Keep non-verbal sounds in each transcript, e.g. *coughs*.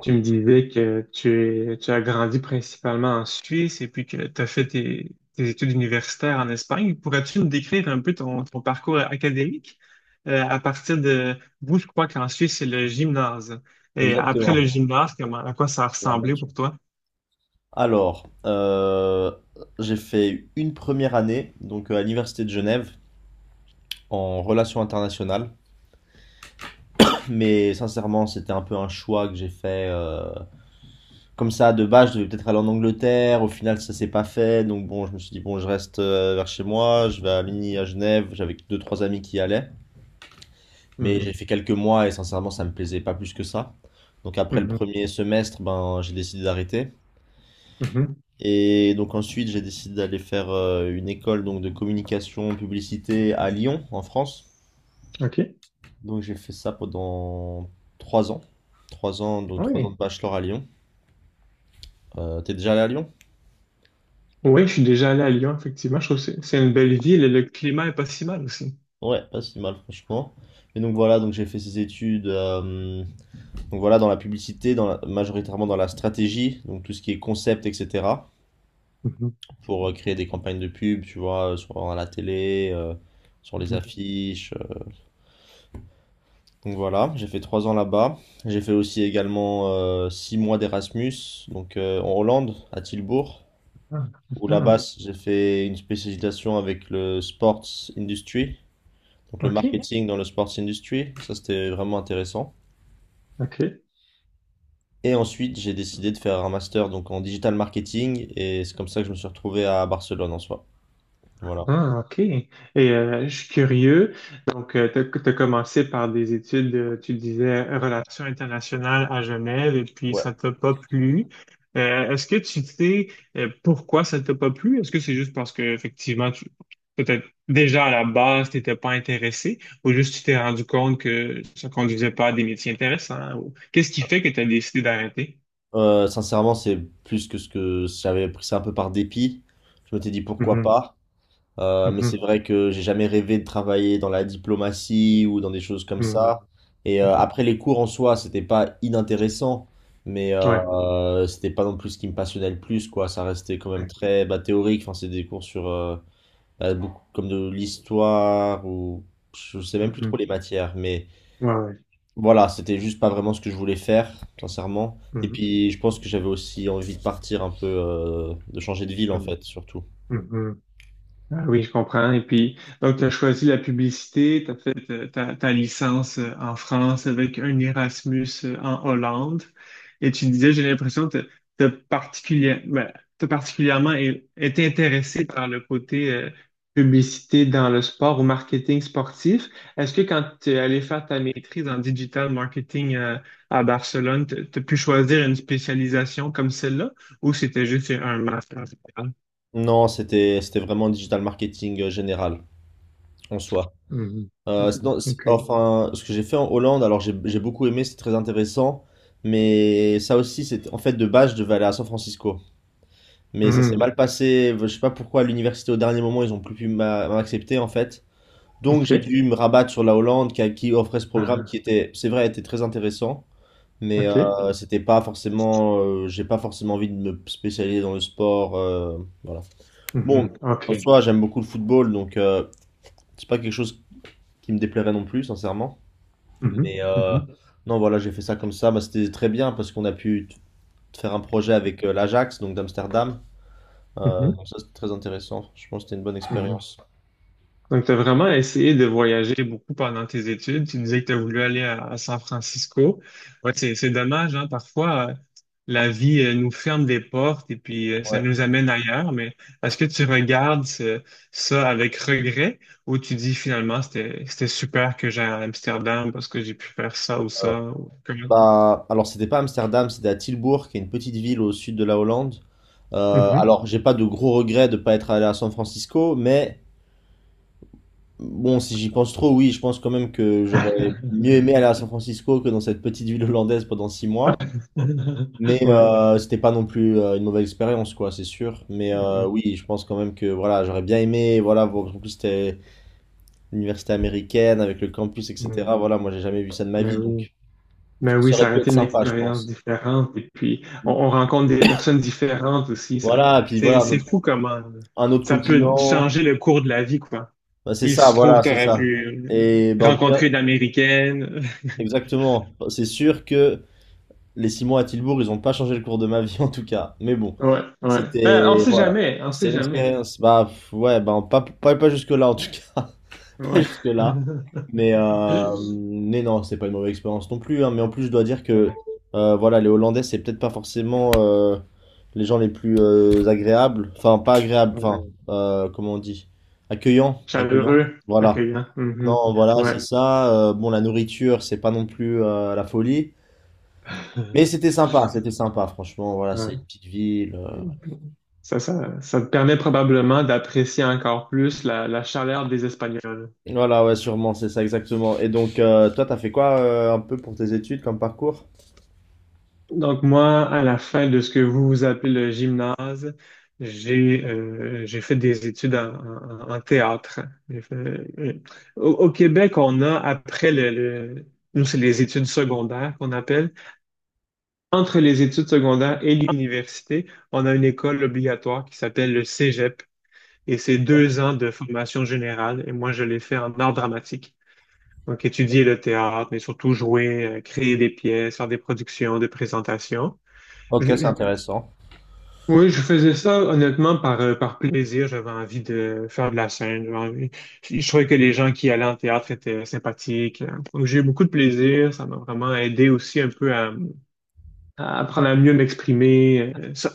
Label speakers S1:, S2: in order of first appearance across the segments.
S1: Tu me disais que tu as grandi principalement en Suisse et puis que tu as fait tes études universitaires en Espagne. Pourrais-tu nous décrire un peu ton parcours académique? À partir de vous, je crois qu'en Suisse, c'est le gymnase. Et après
S2: Exactement,
S1: le gymnase, comment, à quoi ça a ressemblé
S2: l'armature.
S1: pour toi?
S2: Alors, j'ai fait une première année, donc à l'université de Genève, en relations internationales. *coughs* Mais sincèrement, c'était un peu un choix que j'ai fait comme ça. De base, je devais peut-être aller en Angleterre. Au final, ça s'est pas fait. Donc bon, je me suis dit, bon, je reste vers chez moi. Je vais à Mini, à Genève. J'avais deux, trois amis qui y allaient. Mais
S1: Mhm,
S2: j'ai fait quelques mois et sincèrement, ça me plaisait pas plus que ça. Donc après le
S1: mhm,
S2: premier semestre, ben, j'ai décidé d'arrêter.
S1: mhm.
S2: Et donc ensuite, j'ai décidé d'aller faire une école donc de communication publicité à Lyon, en France.
S1: OK.
S2: Donc j'ai fait ça pendant 3 ans. Trois ans, donc 3 ans de
S1: Oui.
S2: bachelor à Lyon. T'es déjà allé à Lyon?
S1: Oui, je suis déjà allé à Lyon, effectivement. Je trouve que c'est une belle ville et le climat est pas si mal aussi.
S2: Ouais, pas si mal franchement. Et donc voilà, donc j'ai fait ces études, donc voilà, dans la publicité, majoritairement dans la stratégie, donc tout ce qui est concept, etc.,
S1: Mhm,
S2: pour créer des campagnes de pub, tu vois, sur à la télé, sur les
S1: mhm.
S2: affiches. Donc voilà, j'ai fait 3 ans là-bas. J'ai fait aussi également 6 mois d'Erasmus, donc en Hollande, à Tilbourg,
S1: Ah,
S2: où là-bas
S1: mhm.
S2: j'ai fait une spécialisation avec le sports industry, donc le
S1: OK.
S2: marketing dans le sports industry. Ça c'était vraiment intéressant.
S1: OK.
S2: Et ensuite j'ai décidé de faire un master donc en digital marketing et c'est comme ça que je me suis retrouvé à Barcelone en soi. Voilà.
S1: Ah, OK. Et je suis curieux. Donc, tu as commencé par des études, tu disais, relations internationales à Genève, et puis ça
S2: Ouais.
S1: t'a pas plu. Est-ce que tu sais pourquoi ça t'a pas plu? Est-ce que c'est juste parce que, effectivement, peut-être déjà à la base, tu n'étais pas intéressé, ou juste tu t'es rendu compte que ça conduisait pas à des métiers intéressants? Qu'est-ce qui fait que tu as décidé d'arrêter?
S2: Sincèrement, c'est plus que ce que j'avais pris ça un peu par dépit. Je m'étais dit pourquoi
S1: Mhm,
S2: pas. Mais c'est
S1: mhm,
S2: vrai que j'ai jamais rêvé de travailler dans la diplomatie ou dans des choses comme
S1: mhm,
S2: ça. Et
S1: mhm.
S2: après les cours en soi, c'était pas inintéressant, mais
S1: Ouais.
S2: c'était pas non plus ce qui me passionnait le plus, quoi. Ça restait quand même
S1: Ouais.
S2: très bah, théorique. Enfin, c'est des cours sur, bah, beaucoup comme de l'histoire ou je sais même plus
S1: Mhm.
S2: trop les matières, mais
S1: Ouais, ouais.
S2: voilà, c'était juste pas vraiment ce que je voulais faire, sincèrement. Et
S1: Mhm,
S2: puis je pense que j'avais aussi envie de partir un peu, de changer de ville en fait, surtout.
S1: mhm, mhm. Ah oui, je comprends. Et puis, donc, tu as choisi la publicité, tu as fait ta licence en France avec un Erasmus en Hollande. Et tu disais, j'ai l'impression que tu as particulièrement été intéressé par le côté publicité dans le sport ou marketing sportif. Est-ce que quand tu es allé faire ta maîtrise en digital marketing à Barcelone, tu as pu choisir une spécialisation comme celle-là ou c'était juste un master général?
S2: Non, c'était vraiment digital marketing général en soi.
S1: Mhm. Mhm.
S2: Non,
S1: OK.
S2: enfin, ce que j'ai fait en Hollande, alors j'ai beaucoup aimé, c'est très intéressant, mais ça aussi, c'est, en fait, de base, je devais aller à San Francisco, mais ça s'est
S1: Mhm.
S2: mal passé. Je sais pas pourquoi, à l'université, au dernier moment, ils ont plus pu m'accepter en fait. Donc
S1: Ok.
S2: j'ai dû me rabattre sur la Hollande qui offrait ce programme qui
S1: Ah,
S2: était, c'est vrai, était très intéressant, mais
S1: Ok.
S2: c'était pas forcément, j'ai pas forcément envie de me spécialiser dans le sport, voilà. Bon,
S1: Mhm.
S2: en
S1: Okay.
S2: soi, j'aime beaucoup le football, donc c'est pas quelque chose qui me déplairait non plus, sincèrement. Mais
S1: Mhm.
S2: euh,
S1: Mhm.
S2: non, voilà, j'ai fait ça comme ça. Bah, c'était très bien parce qu'on a pu faire un projet avec, l'Ajax, donc d'Amsterdam.
S1: Mhm.
S2: Donc ça, c'était très intéressant. Je pense que c'était une bonne
S1: Mhm.
S2: expérience.
S1: Donc, tu as vraiment essayé de voyager beaucoup pendant tes études. Tu disais que tu as voulu aller à San Francisco. Ouais, c'est dommage, hein. Parfois, la vie, nous ferme des portes et puis, ça
S2: Ouais.
S1: nous amène ailleurs. Mais est-ce que tu regardes ça avec regret ou tu dis finalement, c'était super que j'aille à Amsterdam parce que j'ai pu faire ça ou ça ou comment?
S2: Bah, alors, c'était pas Amsterdam, c'était à Tilburg, qui est une petite ville au sud de la Hollande. Euh,
S1: Mhm.
S2: alors, j'ai pas de gros regrets de pas être allé à San Francisco, mais bon, si j'y pense trop, oui, je pense quand même que j'aurais mieux
S1: *laughs*
S2: aimé aller à San Francisco que dans cette petite ville hollandaise pendant 6 mois. Mais
S1: *laughs* Ouais.
S2: euh, c'était pas non plus une mauvaise expérience, quoi, c'est sûr. Mais
S1: Mhm.
S2: oui, je pense quand même que voilà, j'aurais bien aimé, voilà, en plus c'était l'université américaine avec le campus, etc.
S1: Mhm.
S2: Voilà, moi j'ai jamais vu ça de ma
S1: Mais
S2: vie,
S1: oui.
S2: donc
S1: Mais oui,
S2: ça aurait
S1: ça aurait
S2: pu être
S1: été une
S2: sympa, je
S1: expérience
S2: pense.
S1: différente. Et puis, on rencontre des personnes différentes aussi. Ça,
S2: Voilà, et puis voilà,
S1: c'est, c'est fou comment
S2: un autre
S1: ça peut
S2: continent.
S1: changer le cours de la vie, quoi.
S2: Bah, c'est
S1: Il
S2: ça,
S1: se trouve,
S2: voilà,
S1: tu
S2: c'est
S1: aurais
S2: ça.
S1: pu
S2: Et bah, en tout cas,
S1: rencontrer une Américaine. *laughs*
S2: exactement, c'est sûr que les 6 mois à Tilbourg, ils ont pas changé le cours de ma vie *laughs* en tout cas. Mais bon,
S1: Ouais, ouais. Ben, on
S2: c'était,
S1: sait
S2: voilà,
S1: jamais, on
S2: c'était
S1: sait
S2: une
S1: jamais.
S2: expérience, bah pff, ouais, bah pas jusque-là en tout cas. *laughs*
S1: Ouais.
S2: Jusque-là.
S1: *laughs*
S2: Mais non, c'est pas une mauvaise expérience non plus, hein. Mais en plus, je dois dire que,
S1: Ouais,
S2: voilà, les Hollandais, c'est peut-être pas forcément les gens les plus agréables. Enfin, pas agréables, enfin,
S1: ouais.
S2: comment on dit? Accueillants, accueillants.
S1: Chaleureux,
S2: Voilà.
S1: accueillant. Mhm.
S2: Non, voilà,
S1: Ouais.
S2: c'est ça. Bon, la nourriture, c'est pas non plus, la folie. Mais
S1: *laughs*
S2: c'était sympa, franchement. Voilà, c'est
S1: Ouais.
S2: une petite ville.
S1: Ça te permet probablement d'apprécier encore plus la chaleur des Espagnols.
S2: Voilà, ouais, sûrement, c'est ça exactement. Et donc, toi, t'as fait quoi un peu pour tes études comme parcours?
S1: Donc moi, à la fin de ce que vous vous appelez le gymnase, j'ai fait des études en théâtre. J'ai fait- euh, au Québec, on a après nous c'est les études secondaires qu'on appelle. Entre les études secondaires et l'université, on a une école obligatoire qui s'appelle le Cégep et c'est
S2: Ouais.
S1: 2 ans de formation générale. Et moi, je l'ai fait en art dramatique. Donc, étudier le théâtre, mais surtout jouer, créer des pièces, faire des productions, des présentations.
S2: Ok,
S1: Je-
S2: c'est
S1: je-
S2: intéressant.
S1: oui, je faisais ça honnêtement par plaisir. J'avais envie de faire de la scène. Je trouvais que les gens qui allaient en théâtre étaient sympathiques. Donc, j'ai eu beaucoup de plaisir. Ça m'a vraiment aidé aussi un peu à apprendre à mieux m'exprimer. euh, ça-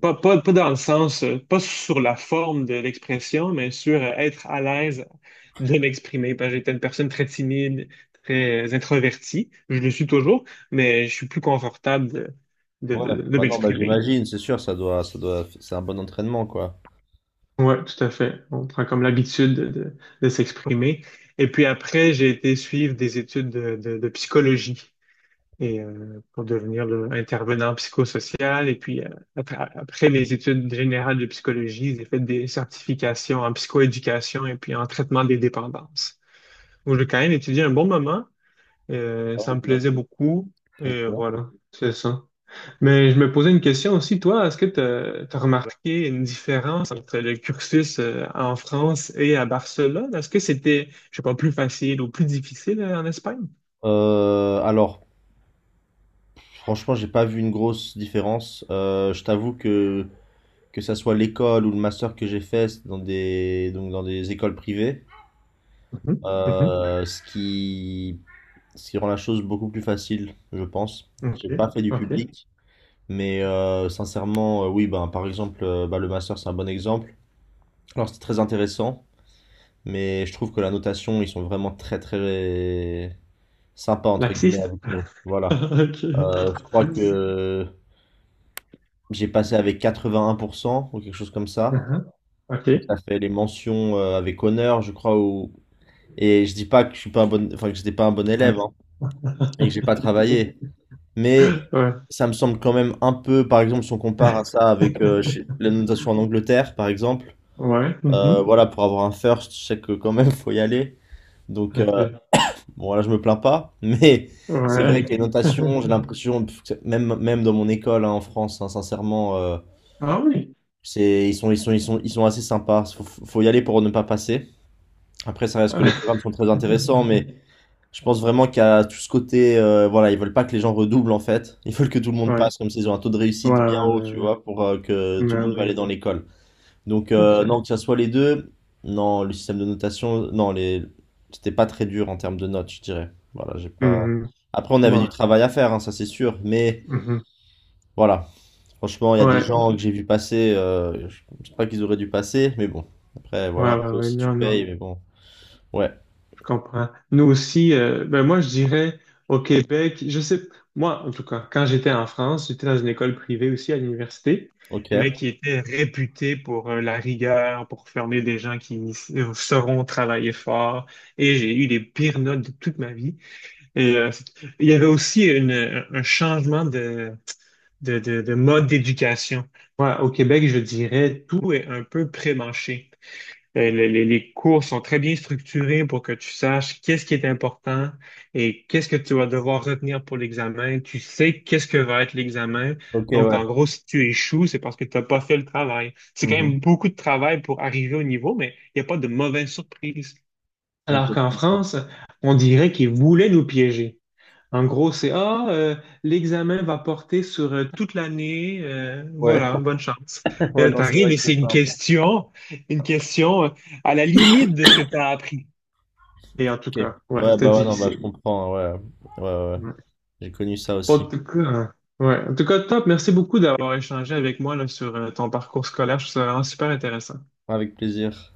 S1: pas, pas, pas dans le sens, pas sur la forme de l'expression, mais sur être à l'aise de m'exprimer. Parce que j'étais une personne très timide, très introvertie. Je le suis toujours, mais je suis plus confortable de, de,
S2: Ouais,
S1: de, de
S2: bah non, bah
S1: m'exprimer.
S2: j'imagine, c'est sûr, ça doit, c'est un bon entraînement, quoi.
S1: Ouais, tout à fait. On prend comme l'habitude de s'exprimer. Et puis après, j'ai été suivre des études de psychologie. Et pour devenir là, intervenant psychosocial. Et puis, après les études générales de psychologie, j'ai fait des certifications en psychoéducation et puis en traitement des dépendances. Donc, j'ai quand même étudié un bon moment.
S2: Ah
S1: Ça
S2: ouais,
S1: me plaisait
S2: j'imagine.
S1: beaucoup. Et
S2: Ok.
S1: voilà, c'est ça. Mais je me posais une question aussi, toi, est-ce que tu as remarqué une différence entre le cursus en France et à Barcelone? Est-ce que c'était, je sais pas, plus facile ou plus difficile en Espagne?
S2: Alors, franchement, j'ai pas vu une grosse différence. Je t'avoue que ça soit l'école ou le master que j'ai fait, c'est dans des donc dans des écoles privées,
S1: Mhm, mhm.
S2: ce qui rend la chose beaucoup plus facile, je pense.
S1: OK,
S2: J'ai pas fait du
S1: OK.
S2: public, mais sincèrement, oui, ben par exemple, le master c'est un bon exemple. Alors c'était très intéressant. Mais je trouve que la notation, ils sont vraiment très très sympas entre guillemets
S1: Laxiste?
S2: avec nous.
S1: *laughs*
S2: Voilà.
S1: Ok.
S2: Je crois que j'ai passé avec 81% ou quelque chose comme ça.
S1: Mhm. Ok.
S2: Donc ça fait les mentions, avec honneur, je crois. Ou... Et je dis pas que je suis pas un bon, enfin que j'étais pas un bon élève, hein, et que j'ai pas
S1: *laughs*
S2: travaillé. Mais
S1: Ouais.
S2: ça me semble quand même un peu, par exemple, si on compare à ça avec, la notation en Angleterre, par exemple.
S1: Ouais. Mhm.
S2: Voilà, pour avoir un first, je sais que quand même faut y aller. Donc
S1: Ok.
S2: bon, là, je me plains pas, mais c'est vrai que
S1: Ouais.
S2: les notations, j'ai
S1: *laughs*
S2: l'impression, pff, que même, même dans mon école, hein, en France, hein, sincèrement,
S1: Ah oui.
S2: c'est, ils sont assez sympas. Faut y aller pour ne pas passer. Après, ça reste que les programmes sont très intéressants, mais
S1: *laughs*
S2: je pense vraiment qu'il y a tout ce côté, voilà, ils veulent pas que les gens redoublent en fait. Ils veulent que tout le monde
S1: Ouais.
S2: passe, comme s'ils ont un taux de
S1: Ouais,
S2: réussite bien haut,
S1: ouais,
S2: tu
S1: ouais.
S2: vois, pour que tout le
S1: Mais
S2: monde va aller
S1: oui,
S2: dans l'école. Donc,
S1: tout à
S2: non,
S1: fait.
S2: que ça soit les deux, non, le système de notation, non, les... c'était pas très dur en termes de notes, je dirais. Voilà, j'ai pas.
S1: Mhm.
S2: Après, on avait du
S1: Bon.
S2: travail à faire, hein, ça c'est sûr, mais
S1: Mhm.
S2: voilà, franchement, il y a des
S1: Ouais.
S2: gens que j'ai vu passer, je sais pas qu'ils auraient dû passer, mais bon, après, voilà,
S1: Ouais, ouais,
S2: après
S1: ouais.
S2: aussi tu
S1: Non, non.
S2: payes, mais bon, ouais,
S1: Je comprends. Nous aussi, ben moi, je dirais au Québec, je sais, moi, en tout cas, quand j'étais en France, j'étais dans une école privée aussi à l'université,
S2: ok,
S1: mais qui était réputée pour la rigueur, pour former des gens qui sauront travailler fort. Et j'ai eu les pires notes de toute ma vie. Et il y avait aussi un changement de mode d'éducation. Moi, au Québec, je dirais, tout est un peu prémâché. Les cours sont très bien structurés pour que tu saches qu'est-ce qui est important et qu'est-ce que tu vas devoir retenir pour l'examen. Tu sais qu'est-ce que va être l'examen.
S2: ok,
S1: Donc, en
S2: ouais.
S1: gros, si tu échoues, c'est parce que tu n'as pas fait le travail. C'est quand même
S2: Mhm.
S1: beaucoup de travail pour arriver au niveau, mais il n'y a pas de mauvaise surprise.
S2: Ok,
S1: Alors
S2: je
S1: qu'en
S2: comprends.
S1: France, on dirait qu'ils voulaient nous piéger. En gros, c'est ah, l'examen va porter sur toute l'année. euh,
S2: Ouais,
S1: voilà, bonne chance.
S2: *laughs* ouais, non, c'est
S1: T'arrives
S2: vrai
S1: et
S2: que
S1: c'est
S2: c'est
S1: une
S2: pas un peu.
S1: question, une question euh, à la limite de ce que tu as appris. Et en tout
S2: Ok,
S1: cas, ouais,
S2: ouais,
S1: c'était
S2: bah ouais, non, bah je
S1: difficile.
S2: comprends, hein, ouais, ouais, ouais, ouais.
S1: Ouais.
S2: J'ai connu ça
S1: En
S2: aussi,
S1: tout cas, hein, ouais. En tout cas, top. Merci beaucoup d'avoir échangé avec moi là, sur ton parcours scolaire. Je trouve ça vraiment super intéressant.
S2: avec plaisir.